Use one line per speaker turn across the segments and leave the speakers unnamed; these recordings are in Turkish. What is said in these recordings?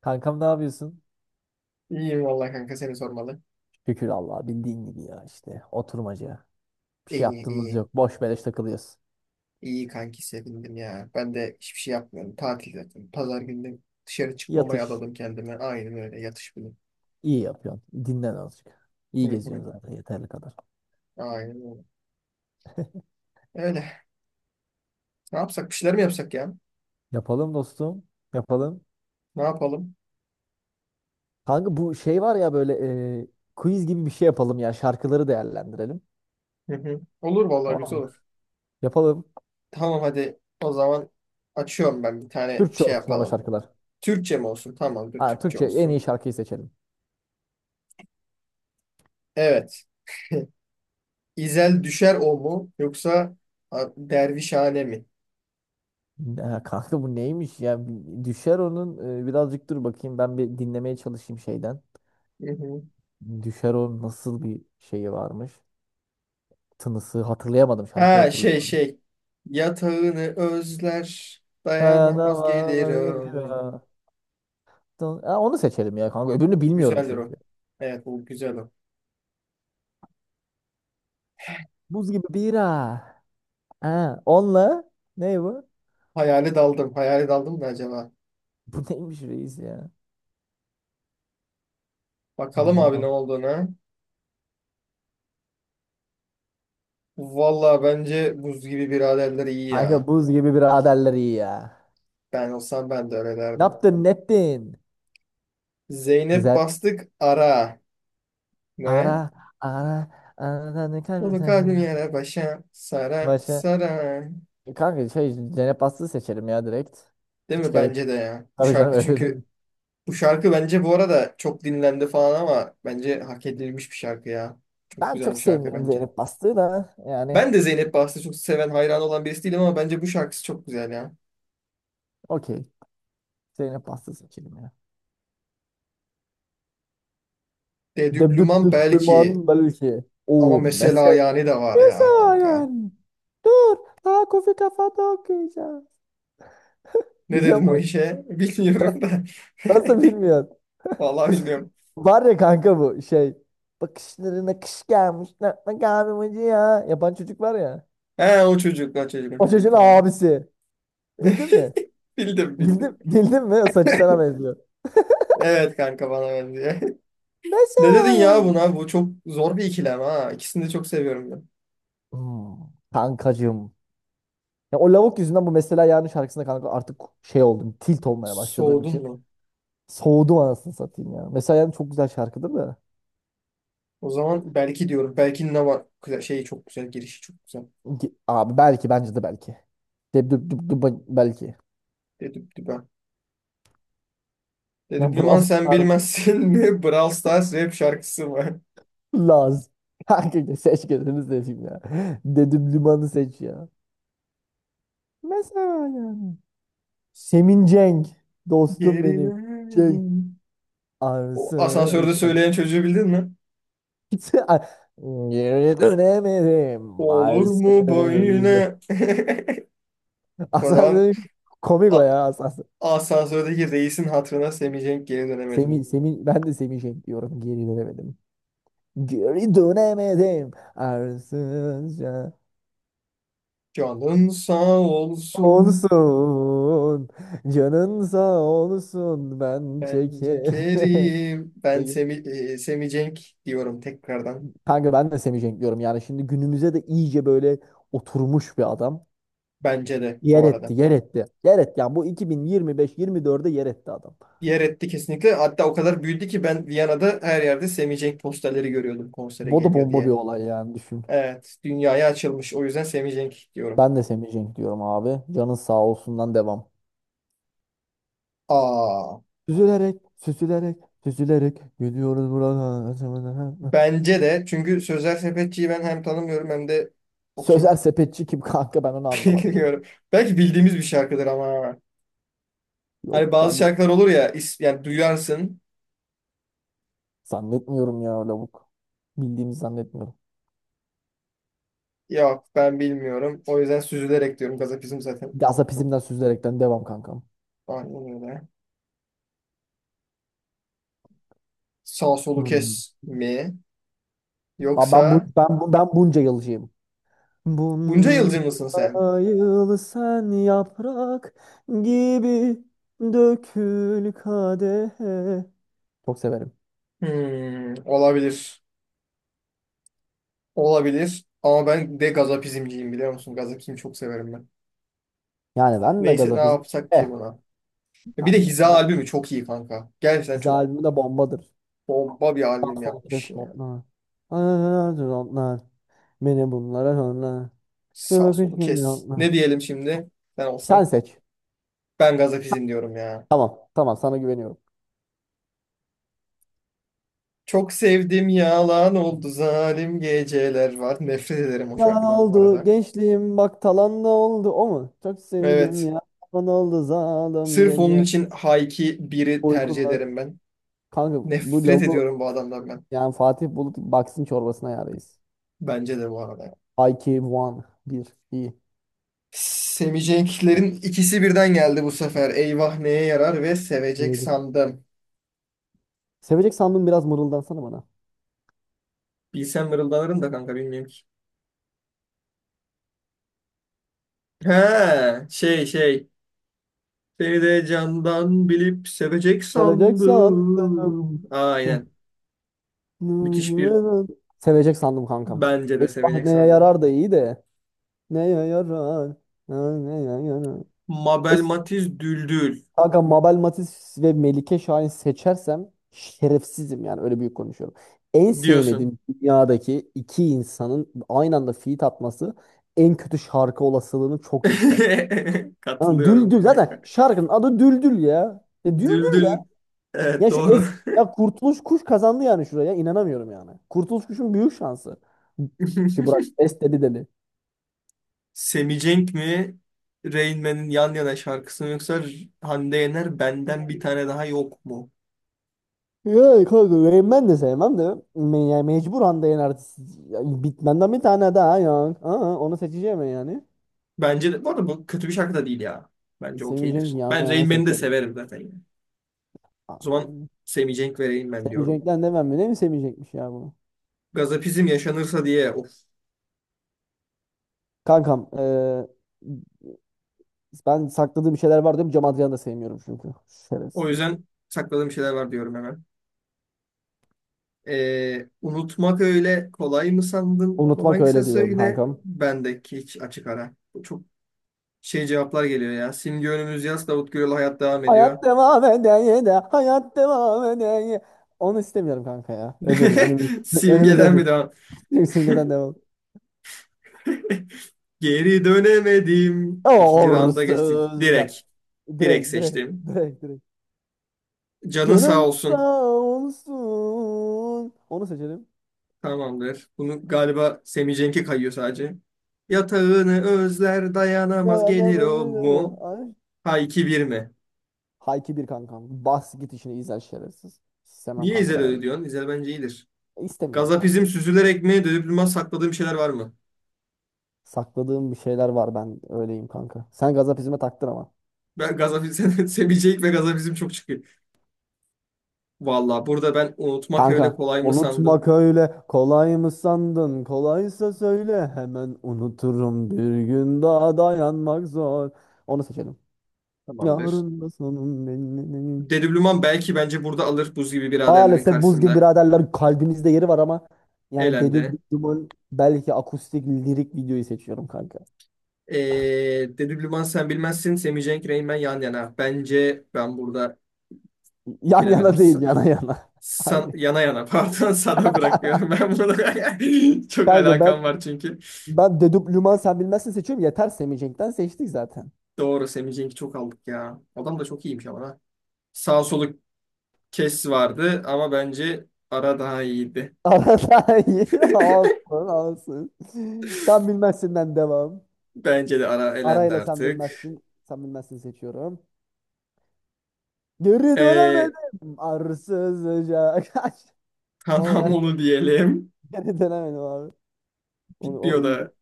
Kankam ne yapıyorsun?
İyiyim vallahi kanka seni sormalı.
Şükür Allah'a bildiğin gibi ya işte oturmaca. Bir şey
İyi
yaptığımız
iyi.
yok. Boş beleş takılıyoruz.
İyi kanki sevindim ya. Ben de hiçbir şey yapmıyorum. Tatil zaten. Pazar günü dışarı çıkmamaya
Yatış.
adadım kendime. Aynen öyle yatış bile.
İyi yapıyorsun. Dinlen azıcık.
Hı
İyi geziyorsun
hı.
zaten yeterli kadar.
Aynen öyle. Öyle. Ne yapsak? Bir şeyler mi yapsak ya?
Yapalım dostum. Yapalım.
Ne yapalım?
Kanka bu şey var ya böyle e, quiz gibi bir şey yapalım ya. Şarkıları değerlendirelim.
Hı hı. Olur vallahi
Tamam
güzel
mı?
olur.
Yapalım.
Tamam hadi o zaman açıyorum ben bir tane
Türkçe
şey
olsun ama
yapalım.
şarkılar.
Türkçe mi olsun? Tamamdır
Ha,
Türkçe
Türkçe en iyi
olsun.
şarkıyı seçelim.
Evet. İzel düşer o mu yoksa dervişhane mi?
Ha, kanka bu neymiş ya? Bir Düşer onun. Birazcık dur bakayım. Ben bir dinlemeye çalışayım şeyden.
Hı hı.
Düşer o nasıl bir şeyi varmış. Tınısı hatırlayamadım, şarkıyı
Ha şey
hatırlayamadım.
şey. Yatağını özler, dayanamaz
Dayanamam yine.
gelirim.
Ha, onu seçelim ya kanka. Öbürünü bilmiyorum
Güzeldir
çünkü.
o. Evet bu güzel o.
Buz gibi bira. Ha, onunla ne bu?
Hayale daldım. Hayale daldım da acaba.
Bu neymiş reis ya?
Bakalım
Hayalet
abi ne
al.
olduğunu. Valla bence buz gibi biraderler iyi
Kanka
ya.
buz gibi biraderler iyi ya.
Ben olsam ben de öyle
Ne
derdim.
yaptın ne ettin?
Zeynep
Güzel.
bastık ara.
Ara,
Ne?
ara, ara ne kadar
Dolu
sen
kalbim
ya.
yere başa sara
Başa.
sara.
E kanka şey Cennet Bastı'yı seçelim ya direkt.
Değil
Hiç
mi?
gerek yok.
Bence de ya. Bu
Tabii canım
şarkı
öyle.
çünkü bu şarkı bence bu arada çok dinlendi falan ama bence hak edilmiş bir şarkı ya. Çok
Ben
güzel
çok
bir şarkı
sevmiyorum
bence.
Zeynep Bastık'ı da yani,
Ben de Zeynep Bahçı çok seven, hayran olan birisi değilim ama bence bu şarkısı çok güzel ya.
okey. Zeynep Bastık seçelim ya.
Dedüblüman belki
Debdüdüdüman belki.
ama
O
mesela
mesela.
yani de var ya
Mesela
kanka.
yani. Dur. Daha kofi kafada okuyacağım.
Ne
Biliyor
dedin o
musun?
işe? Bilmiyorum da.
Nasıl bilmiyorsun?
Vallahi bilmiyorum.
Var ya kanka bu şey. Bakışlarına kış gelmiş. Ne ne kahvemacı ya. Yapan çocuk var ya.
He o çocuk, o çocuk, o
O
çocuk
çocuğun
tamam.
abisi. Bildin mi?
Bildim bildim.
Bildim, bildin mi? O saçı sana benziyor.
Evet kanka bana benziyor. Ne dedin
Mesela
ya
yani.
buna? Bu çok zor bir ikilem ha. İkisini de çok seviyorum ben.
Hmm, kankacığım. Ya o lavuk yüzünden bu mesela yarın şarkısında kanka artık şey oldum. Tilt olmaya başladığım
Soğudun
için.
mu?
Soğudum anasını satayım ya. Mesela yani çok güzel şarkıdır da.
O zaman belki diyorum. Belki ne var? Güzel, şeyi çok güzel. Girişi çok güzel.
Abi belki, bence de belki. Deb düb düb düb belki.
Dedim düben.
Ya
Dedim Lüman
Brawl
sen
Stars
bilmezsin mi? Brawl Stars rap şarkısı var.
Laz. Kanka seç kendini seçeyim ya. Dedim limanı seç ya. Mesela yani. Semin Cenk. Dostum benim. Cenk.
Gerilerim. O
Arsız.
asansörde söyleyen çocuğu bildin mi?
Geri dönemedim.
Olur mu
Arsız.
böyle? O
Asansör
zaman
dedim, komik o
a-
ya asansör.
asansördeki reisin hatırına Semih Cenk geri
Semih,
dönemedim.
Semih, ben de Semih Cenk diyorum. Geri dönemedim. Geri dönemedim. Arsızca
Canın sağ olsun.
olsun. Canın sağ olsun. Ben
Ben
çekerim.
Kerim. Ben
Peki.
Semih, Semih Cenk diyorum tekrardan.
Kanka ben de Semih Cenk diyorum. Yani şimdi günümüze de iyice böyle oturmuş bir adam.
Bence de
Yer
bu
etti,
arada.
yer etti. Yer etti. Yani bu 2025-24'e yer etti adam.
Yer etti kesinlikle. Hatta o kadar büyüdü ki ben Viyana'da her yerde Semih Cenk posterleri görüyordum konsere
Bu da
geliyor
bomba bir
diye.
olay yani düşün.
Evet, dünyaya açılmış. O yüzden Semih Cenk diyorum.
Ben de Semih Cenk diyorum abi. Canın sağ olsundan devam.
Aa,
Süzülerek, süzülerek, süzülerek geliyoruz buradan.
bence de çünkü Sözel Sepetçi'yi ben hem tanımıyorum hem de o
Sözel
kim
sepetçi kim kanka, ben onu anlamadım.
bilmiyorum. Belki bildiğimiz bir şarkıdır ama.
Yok
Hani bazı
zannet,
şarkılar olur ya, yani duyarsın.
zannetmiyorum ya lavuk. Bildiğimi zannetmiyorum.
Yok ben bilmiyorum. O yüzden süzülerek diyorum. Gazapizm zaten çok
Gazapizmden süzülerekten devam kankam.
aynen öyle. Sağ solu
Hmm.
kes mi?
Aa, Ben, bu,
Yoksa
ben, bu, ben bunca yılcıyım.
bunca yılcı
Bunca
mısın sen?
yıl sen yaprak gibi dökül kadehe. Çok severim.
Hmm, olabilir. Olabilir. Ama ben de gazapizmciyim biliyor musun? Gazapizmi çok severim ben.
Yani ben de
Neyse ne
Gazapizm.
yapsak
Eh
ki buna. Bir de
kanka
Hiza
ben,
albümü çok iyi kanka. Gerçekten
Biz
çok
albümü de bombadır.
bomba bir albüm
Sol kes
yapmış ya.
botlar. Anadır onlar. Beni bunlara onlar. Bir
Sağ
bakış
solu
geliyor
kes.
onlar.
Ne diyelim şimdi? Ben
Sen
olsam.
seç.
Ben gazapizm diyorum ya.
Tamam. Tamam sana güveniyorum.
Çok sevdim yalan oldu zalim geceler var. Nefret ederim o
Yalan
şarkıdan bu
oldu
arada.
gençliğim bak talan da oldu, o mu? Çok sevdim
Evet.
ya. Yalan oldu zalim
Sırf onun
gece.
için Hayki biri tercih
Uykular.
ederim ben.
Kanka bu
Nefret
lavu
ediyorum bu adamdan ben.
yani Fatih Bulut baksın çorbasına yarayız.
Bence de bu arada.
IQ 1. 1. İyi.
Seveceklerin ikisi birden geldi bu sefer. Eyvah neye yarar ve sevecek
Böyle.
sandım.
Sevecek sandım biraz mırıldansana bana.
Bilsem mırıldanırım da kanka bilmiyorum ki. He şey. Seni de candan bilip sevecek
Sevecek
sandım.
sandım.
Aynen. Müthiş bir
Sevecek sandım kankam.
bence de
Eyvah
sevecek
neye
sandım.
yarar da iyi de. Neye yarar? Ha, neye yarar? E,
Mabel Matiz Düldül
Kanka Mabel Matiz ve Melike Şahin seçersem şerefsizim yani, öyle büyük konuşuyorum. En
diyorsun.
sevmediğim dünyadaki iki insanın aynı anda feat atması en kötü şarkı olasılığını çok yükselt. Yani
Katılıyorum.
Düldül zaten şarkının adı Düldül ya. E, Düldül
Düldül. Evet
ya şu
doğru.
es ya Kurtuluş Kuş kazandı yani şuraya. İnanamıyorum yani. Kurtuluş Kuş'un büyük şansı. Ki Burak es dedi.
Semicenk mi? Rain Man'in Yan Yana şarkısı mı yoksa Hande Yener Benden Bir Tane Daha Yok mu?
Ya kanka Rain Man de sevmem de me ya mecbur de yani bitmenden bir tane daha ya. Aa, onu seçeceğim ben yani.
Bence de, bu arada bu kötü bir şarkı da değil ya. Bence
Semih Cenk
okeydir.
yana
Ben Rain
yana
Man'i de
seçerim.
severim zaten. Yani.
Aa,
O zaman Semicenk ve Rain Man
Semih
diyorum.
Cenk'ten demem mi? Ne mi Semih Cenk'miş ya bu?
Gazapizm yaşanırsa diye of.
Kankam, ben sakladığım bir şeyler var diyorum. Cem Adrian'ı da sevmiyorum çünkü.
O
Şerefsiz.
yüzden sakladığım şeyler var diyorum hemen. Unutmak öyle kolay mı sandın?
Unutmak
Kolaysa
öyle diyorum
söyle.
kankam.
Bendeki hiç açık ara. Bu çok şey cevaplar geliyor ya. Simge önümüz yaz, Davut Gürel hayat devam ediyor.
Hayat devam eder de hayat devam eder ye. Onu istemiyorum kanka ya. Öbürünü önümüz önümüzde
Simgeden mi devam?
sim- simgeden devam.
Geri dönemedim. İkinci rounda geçtik. Direkt.
Orsuzca.
Direkt
Direkt, direkt,
seçtim.
direkt, direkt.
Canın sağ
Canın
olsun.
sağ olsun. Onu seçelim.
Tamamdır. Bunu galiba Semih Cenk'e kayıyor sadece. Yatağını özler dayanamaz gelir o
Dayanamadım.
mu?
Ay.
Ha iki bir mi?
Hayki bir kankam. Bas git işini izler şerefsiz. İstemem
Niye
kanka
İzel
ben öyle.
öyle diyorsun? İzel bence iyidir.
İstemiyorum kanka.
Gazapizm süzülerek mi? Dönüp durmaz sakladığım şeyler var mı?
Sakladığım bir şeyler var ben öyleyim kanka. Sen gazapizme taktın ama.
Ben gazapizm, Semih Cenk ve gazapizm çok çıkıyor. Valla burada ben unutmak öyle
Kanka
kolay mı sandın?
unutmak öyle kolay mı sandın? Kolaysa söyle hemen unuturum. Bir gün daha dayanmak zor. Onu seçelim.
Tamamdır.
Yarın da sonum belli.
Dedublüman belki bence burada alır buz gibi biraderlerin
Maalesef buz gibi
karşısında.
biraderler kalbinizde yeri var ama yani Dedü
Elendi.
Duman belki akustik lirik videoyu seçiyorum kanka.
Ee, Dedublüman sen bilmezsin. Semih Cenk, Reynmen yan yana. Bence ben burada
Yan
bilemedim.
yana değil, yana yana. Hayır.
Yana yana pardon sana bırakıyorum ben bunu. Çok
Kanka
alakam
ben
var çünkü.
ben Dedüp Luman sen bilmezsin seçiyorum. Yeter Semih Cenk'ten seçtik zaten.
Doğru Semih Cenk'i çok aldık ya. Adam da çok iyiymiş ama ha. Sağ soluk kes vardı ama bence ara daha iyiydi.
Arada iyi. Olsun. Sen bilmezsinden devam.
Bence de ara elendi
Arayla sen
artık.
bilmezsin. Sen bilmezsin seçiyorum. Geri
Ee,
dönemedim. Arsız ocak. Onu
tamam
ben
onu diyelim.
geri dönemedim abi. Onu, o
Bitmiyor
iyi.
da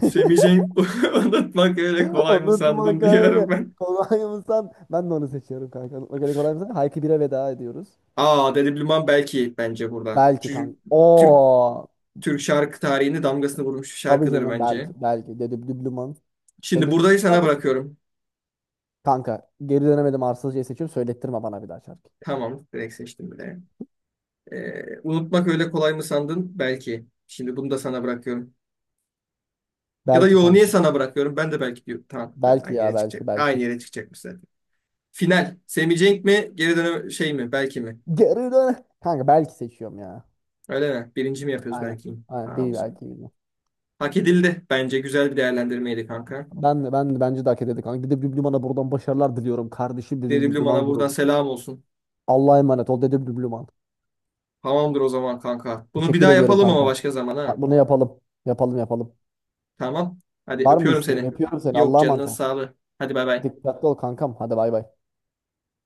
Semih Cenk unutmak öyle kolay mı sandın
Unutmak öyle.
diyorum ben.
Kolay mı san? Ben de onu seçiyorum kanka. Unutmak öyle kolay mı san? Hayki bire veda ediyoruz.
Aa Dede Bilmem belki bence burada.
Belki
Çünkü
kanka.
Türk,
Oo.
Türk şarkı tarihinde damgasını vurmuş bir
Tabii
şarkıdır
canım
bence.
belki. Belki. Dedim düblüman. Tabii
Şimdi
dedim
burayı
düblüman
sana
nasıl?
bırakıyorum.
Kanka geri dönemedim arsızcayı seçiyorum. Söylettirme bana bir daha şarkı.
Tamam direkt seçtim bile. Unutmak öyle kolay mı sandın? Belki. Şimdi bunu da sana bırakıyorum. Ya da
Belki
yo niye
kanka.
sana bırakıyorum? Ben de belki diyorum. Tamam tamam,
Belki
aynı
ya
yere
belki
çıkacak. Aynı
belki.
yere çıkacakmış zaten. Final. Semih Cenk mi? Geri dönem şey mi? Belki mi?
Geri dön. Kanka belki seçiyorum ya.
Öyle mi? Birinci mi yapıyoruz
Aynen.
belki?
Aynen
Tamam o
bir belki
zaman.
bilmiyorum.
Hak edildi bence. Güzel bir değerlendirmeydi kanka.
Ben de bence de hak ederdi kanka. Dede Blübluman'a buradan başarılar diliyorum, kardeşim Dede
Dedi Blum'a
Blübluman
buradan
grubu.
selam olsun.
Allah'a emanet ol Dede Blübluman.
Tamamdır o zaman kanka. Bunu bir
Teşekkür
daha
ediyorum
yapalım ama
kankam.
başka zaman
Ha,
ha.
bunu yapalım. Yapalım.
Tamam. Hadi
Var mı bir
öpüyorum
isteğin?
seni.
Öpüyorum seni.
Yok
Allah'a
canının
emanet ol.
sağlığı. Hadi bay bay.
Dikkatli ol kankam. Hadi bay bay.